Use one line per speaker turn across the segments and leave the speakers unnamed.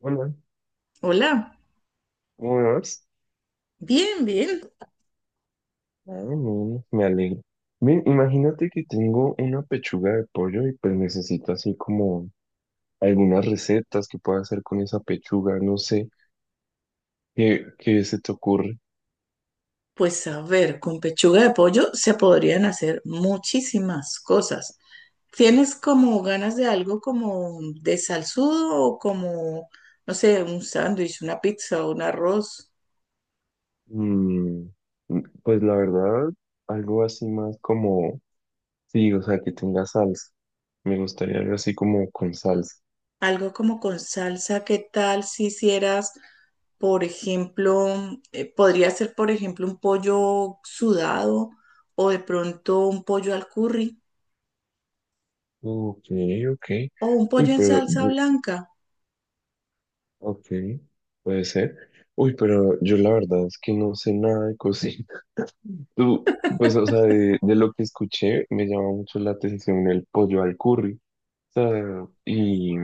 Hola,
Hola,
¿cómo me vas?
bien, bien.
Ah, bueno, me alegro. Bien, imagínate que tengo una pechuga de pollo y pues necesito así como algunas recetas que pueda hacer con esa pechuga, no sé, ¿qué se te ocurre?
Pues a ver, con pechuga de pollo se podrían hacer muchísimas cosas. ¿Tienes como ganas de algo como de salsudo o como, no sé, un sándwich, una pizza, o un arroz?
Mm, pues la verdad, algo así más como, sí, o sea, que tenga salsa. Me gustaría algo así como con salsa.
Algo como con salsa, ¿qué tal si hicieras, por ejemplo, podría ser, por ejemplo, un pollo sudado o de pronto un pollo al curry
Ok, ok.
o un
Uy,
pollo en
pero,
salsa blanca?
ok, puede ser. Uy, pero yo la verdad es que no sé nada de cocina. Tú, pues, o sea, de lo que escuché, me llama mucho la atención el pollo al curry. O sea,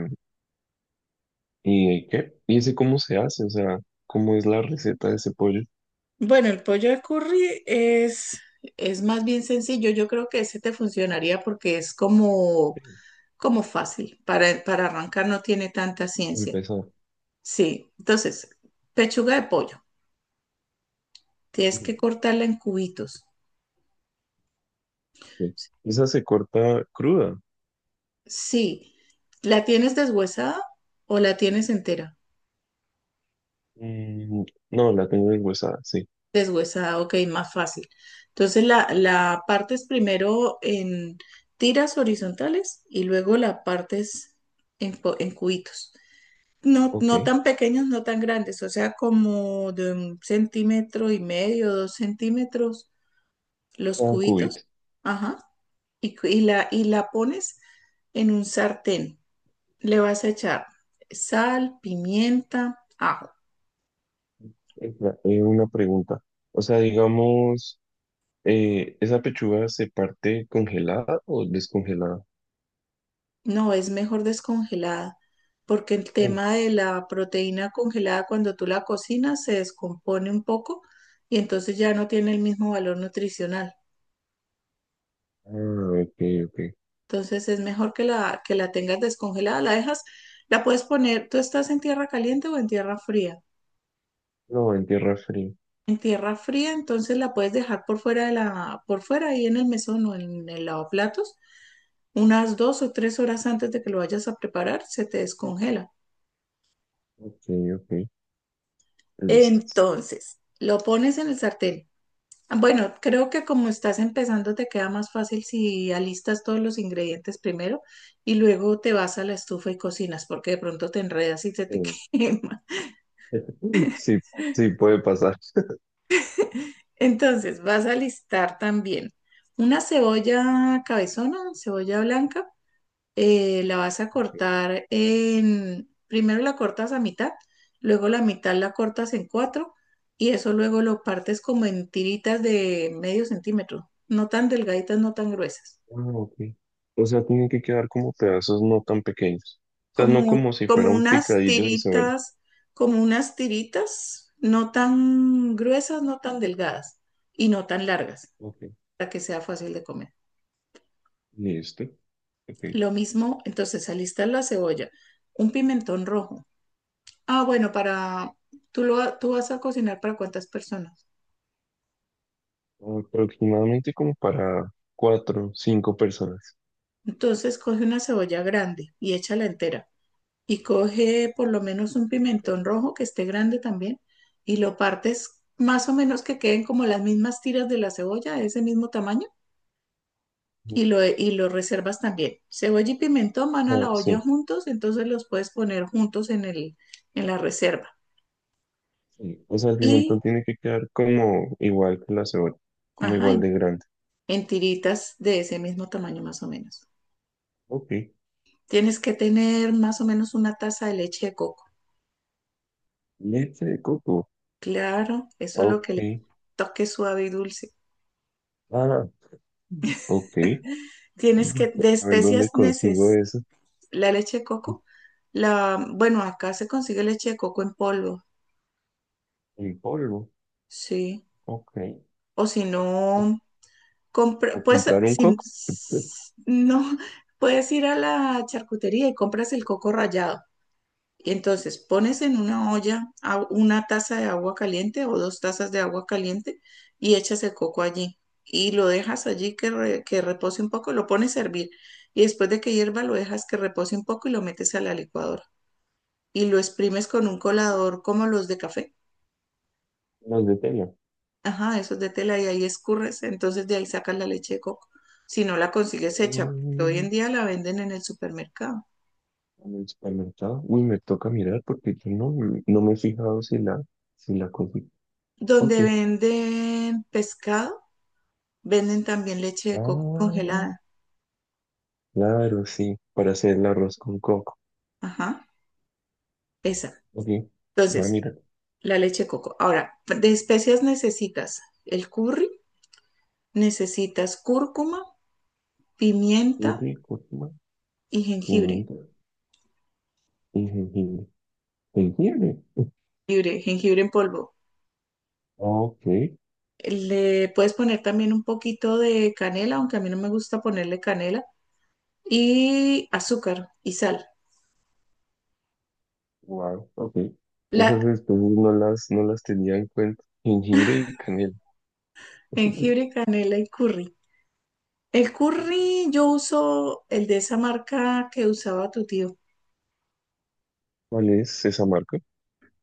y ¿qué? ¿Y ese cómo se hace? O sea, ¿cómo es la receta de ese pollo?
Bueno, el pollo de curry es más bien sencillo. Yo creo que ese te funcionaría porque es como, como fácil. Para arrancar no tiene tanta ciencia.
Empezó.
Sí, entonces, pechuga de pollo. Tienes que cortarla en cubitos.
Sí. Esa se corta cruda.
Sí, ¿la tienes deshuesada o la tienes entera?
Mm, no, la tengo deshuesada, sí.
Deshuesada, ok, más fácil. Entonces la partes primero en tiras horizontales y luego la partes en cubitos. No,
Ok.
no tan pequeños, no tan grandes, o sea, como de un centímetro y medio, 2 centímetros, los
Ah,
cubitos,
cubito.
ajá, y la pones en un sartén. Le vas a echar sal, pimienta, ajo.
Espera, una pregunta. O sea, digamos, ¿esa pechuga se parte congelada o descongelada?
No, es mejor descongelada, porque el
Sí.
tema de la proteína congelada cuando tú la cocinas se descompone un poco y entonces ya no tiene el mismo valor nutricional.
Ah, ok, ok.
Entonces es mejor que la tengas descongelada, la dejas, la puedes poner, tú estás en tierra caliente o en tierra fría.
No, en tierra fría.
En tierra fría, entonces la puedes dejar por fuera ahí en el mesón o en el lavaplatos, unas 2 o 3 horas antes de que lo vayas a preparar, se te descongela.
Ok, ok, listo.
Entonces, lo pones en el sartén. Bueno, creo que como estás empezando te queda más fácil si alistas todos los ingredientes primero y luego te vas a la estufa y cocinas, porque de pronto te enredas y se te
Eh,
quema.
Sí, sí, puede pasar.
Entonces, vas a listar también una cebolla cabezona, cebolla blanca. La vas a
Ok,
cortar en, primero la cortas a mitad, luego la mitad la cortas en cuatro y eso luego lo partes como en tiritas de medio centímetro, no tan delgaditas, no tan gruesas,
ah, ok. O sea, tiene que quedar como pedazos no tan pequeños. O sea, no
como,
como si
como
fuera un
unas
picadillo de cebolla.
tiritas, no tan gruesas, no tan delgadas y no tan largas,
Ok,
para que sea fácil de comer.
listo. Ok.
Lo mismo, entonces alista la cebolla, un pimentón rojo. Ah, bueno, para tú vas a cocinar para cuántas personas.
Aproximadamente como para cuatro, cinco personas.
Entonces coge una cebolla grande y échala entera y coge por lo menos un
Ok.
pimentón rojo que esté grande también y lo partes más o menos que queden como las mismas tiras de la cebolla de ese mismo tamaño y
Ujú.
lo y lo reservas también. Cebolla y pimentón
O
van a
sea,
la olla
sí,
juntos, entonces los puedes poner juntos en la reserva.
sí. O sea, el
Y
pimentón tiene que quedar como igual que la cebolla, como
ajá,
igual de grande.
en tiritas de ese mismo tamaño más o menos.
Ok.
Tienes que tener más o menos una taza de leche de coco.
Leche de coco.
Claro, eso es lo que
Ok.
le toque suave y dulce.
Ah, ok.
Tienes que, de
A ver dónde
especias
consigo
neces,
eso.
la leche de coco, la, bueno, acá se consigue leche de coco en polvo,
El polvo.
sí.
Ok.
O si no,
O
compra, pues,
comprar un
si
coco.
no, puedes ir a la charcutería y compras el coco rallado. Entonces, pones en una olla a- una taza de agua caliente o 2 tazas de agua caliente y echas el coco allí y lo dejas allí que repose un poco, lo pones a hervir y después de que hierva lo dejas que repose un poco y lo metes a la licuadora y lo exprimes con un colador como los de café.
Los de tela.
Ajá, esos de tela y ahí escurres, entonces de ahí sacas la leche de coco. Si no la consigues hecha, porque hoy en
Mm,
día la venden en el supermercado.
En el supermercado. Uy, me toca mirar porque yo no me he fijado si si la conseguí. Ok.
Donde venden pescado, venden también leche de coco
Ah,
congelada.
claro, sí. Para hacer el arroz con coco.
Ajá, esa.
Ok. Voy a
Entonces,
mirar.
la leche de coco. Ahora, de especias necesitas el curry, necesitas cúrcuma, pimienta
Curry, cúrcuma,
y jengibre.
pimienta y jengibre. ¿Jengibre?
Jengibre, jengibre en polvo.
Ok.
Le puedes poner también un poquito de canela, aunque a mí no me gusta ponerle canela, y azúcar y sal.
Wow. Ok.
La
Esas especies no las tenía en cuenta. Jengibre y canela.
jengibre, canela y curry. El curry yo uso el de esa marca que usaba tu tío.
¿Cuál es esa marca?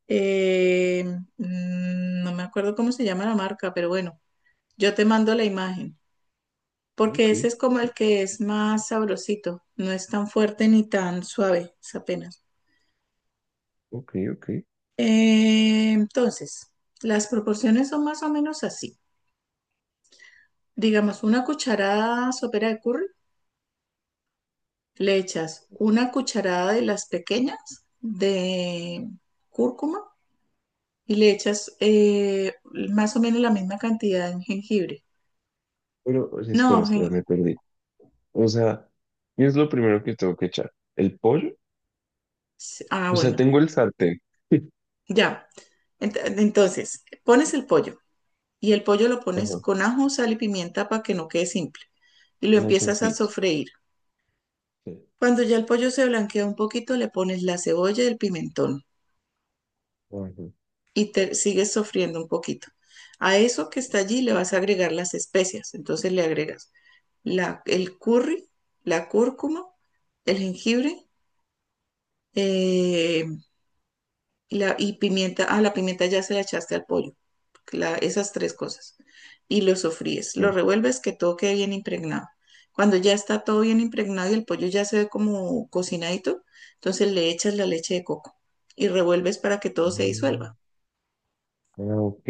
Eh, no me acuerdo cómo se llama la marca, pero bueno, yo te mando la imagen, porque
Ok,
ese es como el que es más sabrosito, no es tan fuerte ni tan suave, es apenas.
ok, ok.
Entonces, las proporciones son más o menos así. Digamos, una cucharada sopera de curry, le echas una cucharada de las pequeñas de cúrcuma y le echas más o menos la misma cantidad de jengibre.
Pero, o sea, espera,
No,
espera,
gen-
me perdí. O sea, ¿qué es lo primero que tengo que echar? ¿El pollo?
ah,
O sea,
bueno,
tengo el sartén.
ya. Entonces, pones el pollo, y el pollo lo pones
Ajá,
con ajo, sal y pimienta para que no quede simple y lo
no
empiezas a
sofrito.
sofreír.
Sí.
Cuando ya el pollo se blanquea un poquito, le pones la cebolla y el pimentón
Ajá,
y te sigues sofriendo un poquito. A eso que está allí le vas a agregar las especias. Entonces le agregas el curry, la cúrcuma, el jengibre eh, y pimienta. Ah, la pimienta ya se la echaste al pollo. Esas tres cosas y lo sofríes. Lo
sí.
revuelves que todo quede bien impregnado. Cuando ya está todo bien impregnado y el pollo ya se ve como cocinadito, entonces le echas la leche de coco y revuelves para que todo se
Mm,
disuelva.
Ah, ok.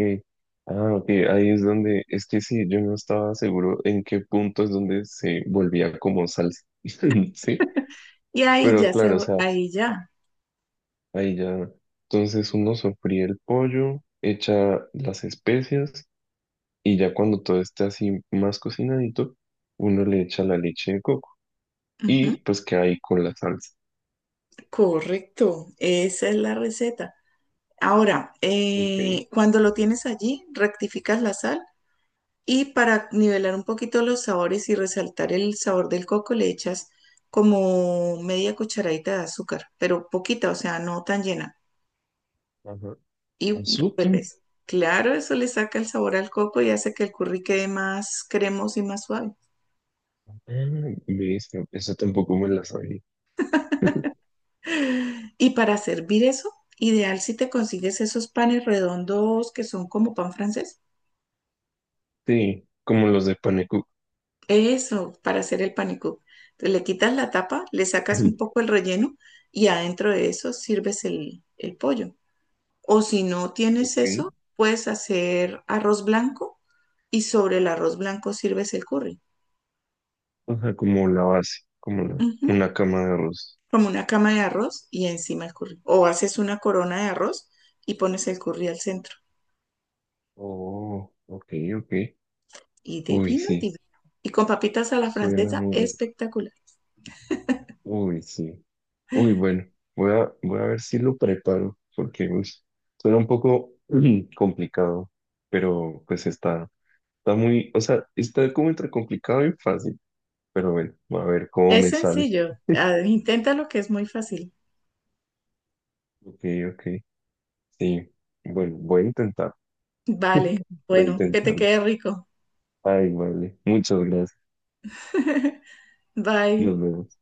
Ah, ok. Ahí es donde, es que sí, yo no estaba seguro en qué punto es donde se volvía como salsa. Sí,
Y ahí
pero
ya se,
claro, o sea,
ahí ya.
ahí ya. Entonces uno sofría el pollo, echa las especias. Y ya cuando todo esté así más cocinadito, uno le echa la leche de coco
Ujú.
y pues queda ahí con la salsa.
Correcto, esa es la receta. Ahora,
Ok.
cuando lo tienes allí, rectificas la sal, y para nivelar un poquito los sabores y resaltar el sabor del coco, le echas como media cucharadita de azúcar, pero poquita, o sea, no tan llena.
Ajá.
Y
Azúcar.
revuelves. Claro, eso le saca el sabor al coco y hace que el curry quede más cremoso y más suave.
Ah, listo. Eso tampoco me la sabía.
Y para servir eso, ideal si te consigues esos panes redondos que son como pan francés.
Sí, como los de panecook.
Eso, para hacer el panicú. Te le quitas la tapa, le sacas un poco el relleno y adentro de eso sirves el pollo. O si no tienes
Ok.
eso, puedes hacer arroz blanco y sobre el arroz blanco sirves el curry.
O sea, como la base,
Ujú,
una cama de arroz.
como una cama de arroz y encima el curry. O haces una corona de arroz y pones el curry al centro.
Oh, ok, ok.
Y de
Uy,
vino,
sí,
divino. Y con papitas a la
suena
francesa,
muy rico.
espectacular.
Uy, sí. Uy, bueno, voy a ver si lo preparo, porque uy, suena un poco ujú, complicado, pero pues está, está muy, o sea, está como entre complicado y fácil, pero bueno, a ver cómo
Es
me sale.
sencillo. Ah, inténtalo que es muy fácil.
Ok, ok, sí. Bueno,
Vale.
voy a
Bueno, que te
intentarlo.
quede rico.
Ay, vale, muchas gracias. Nos
Bye.
vemos.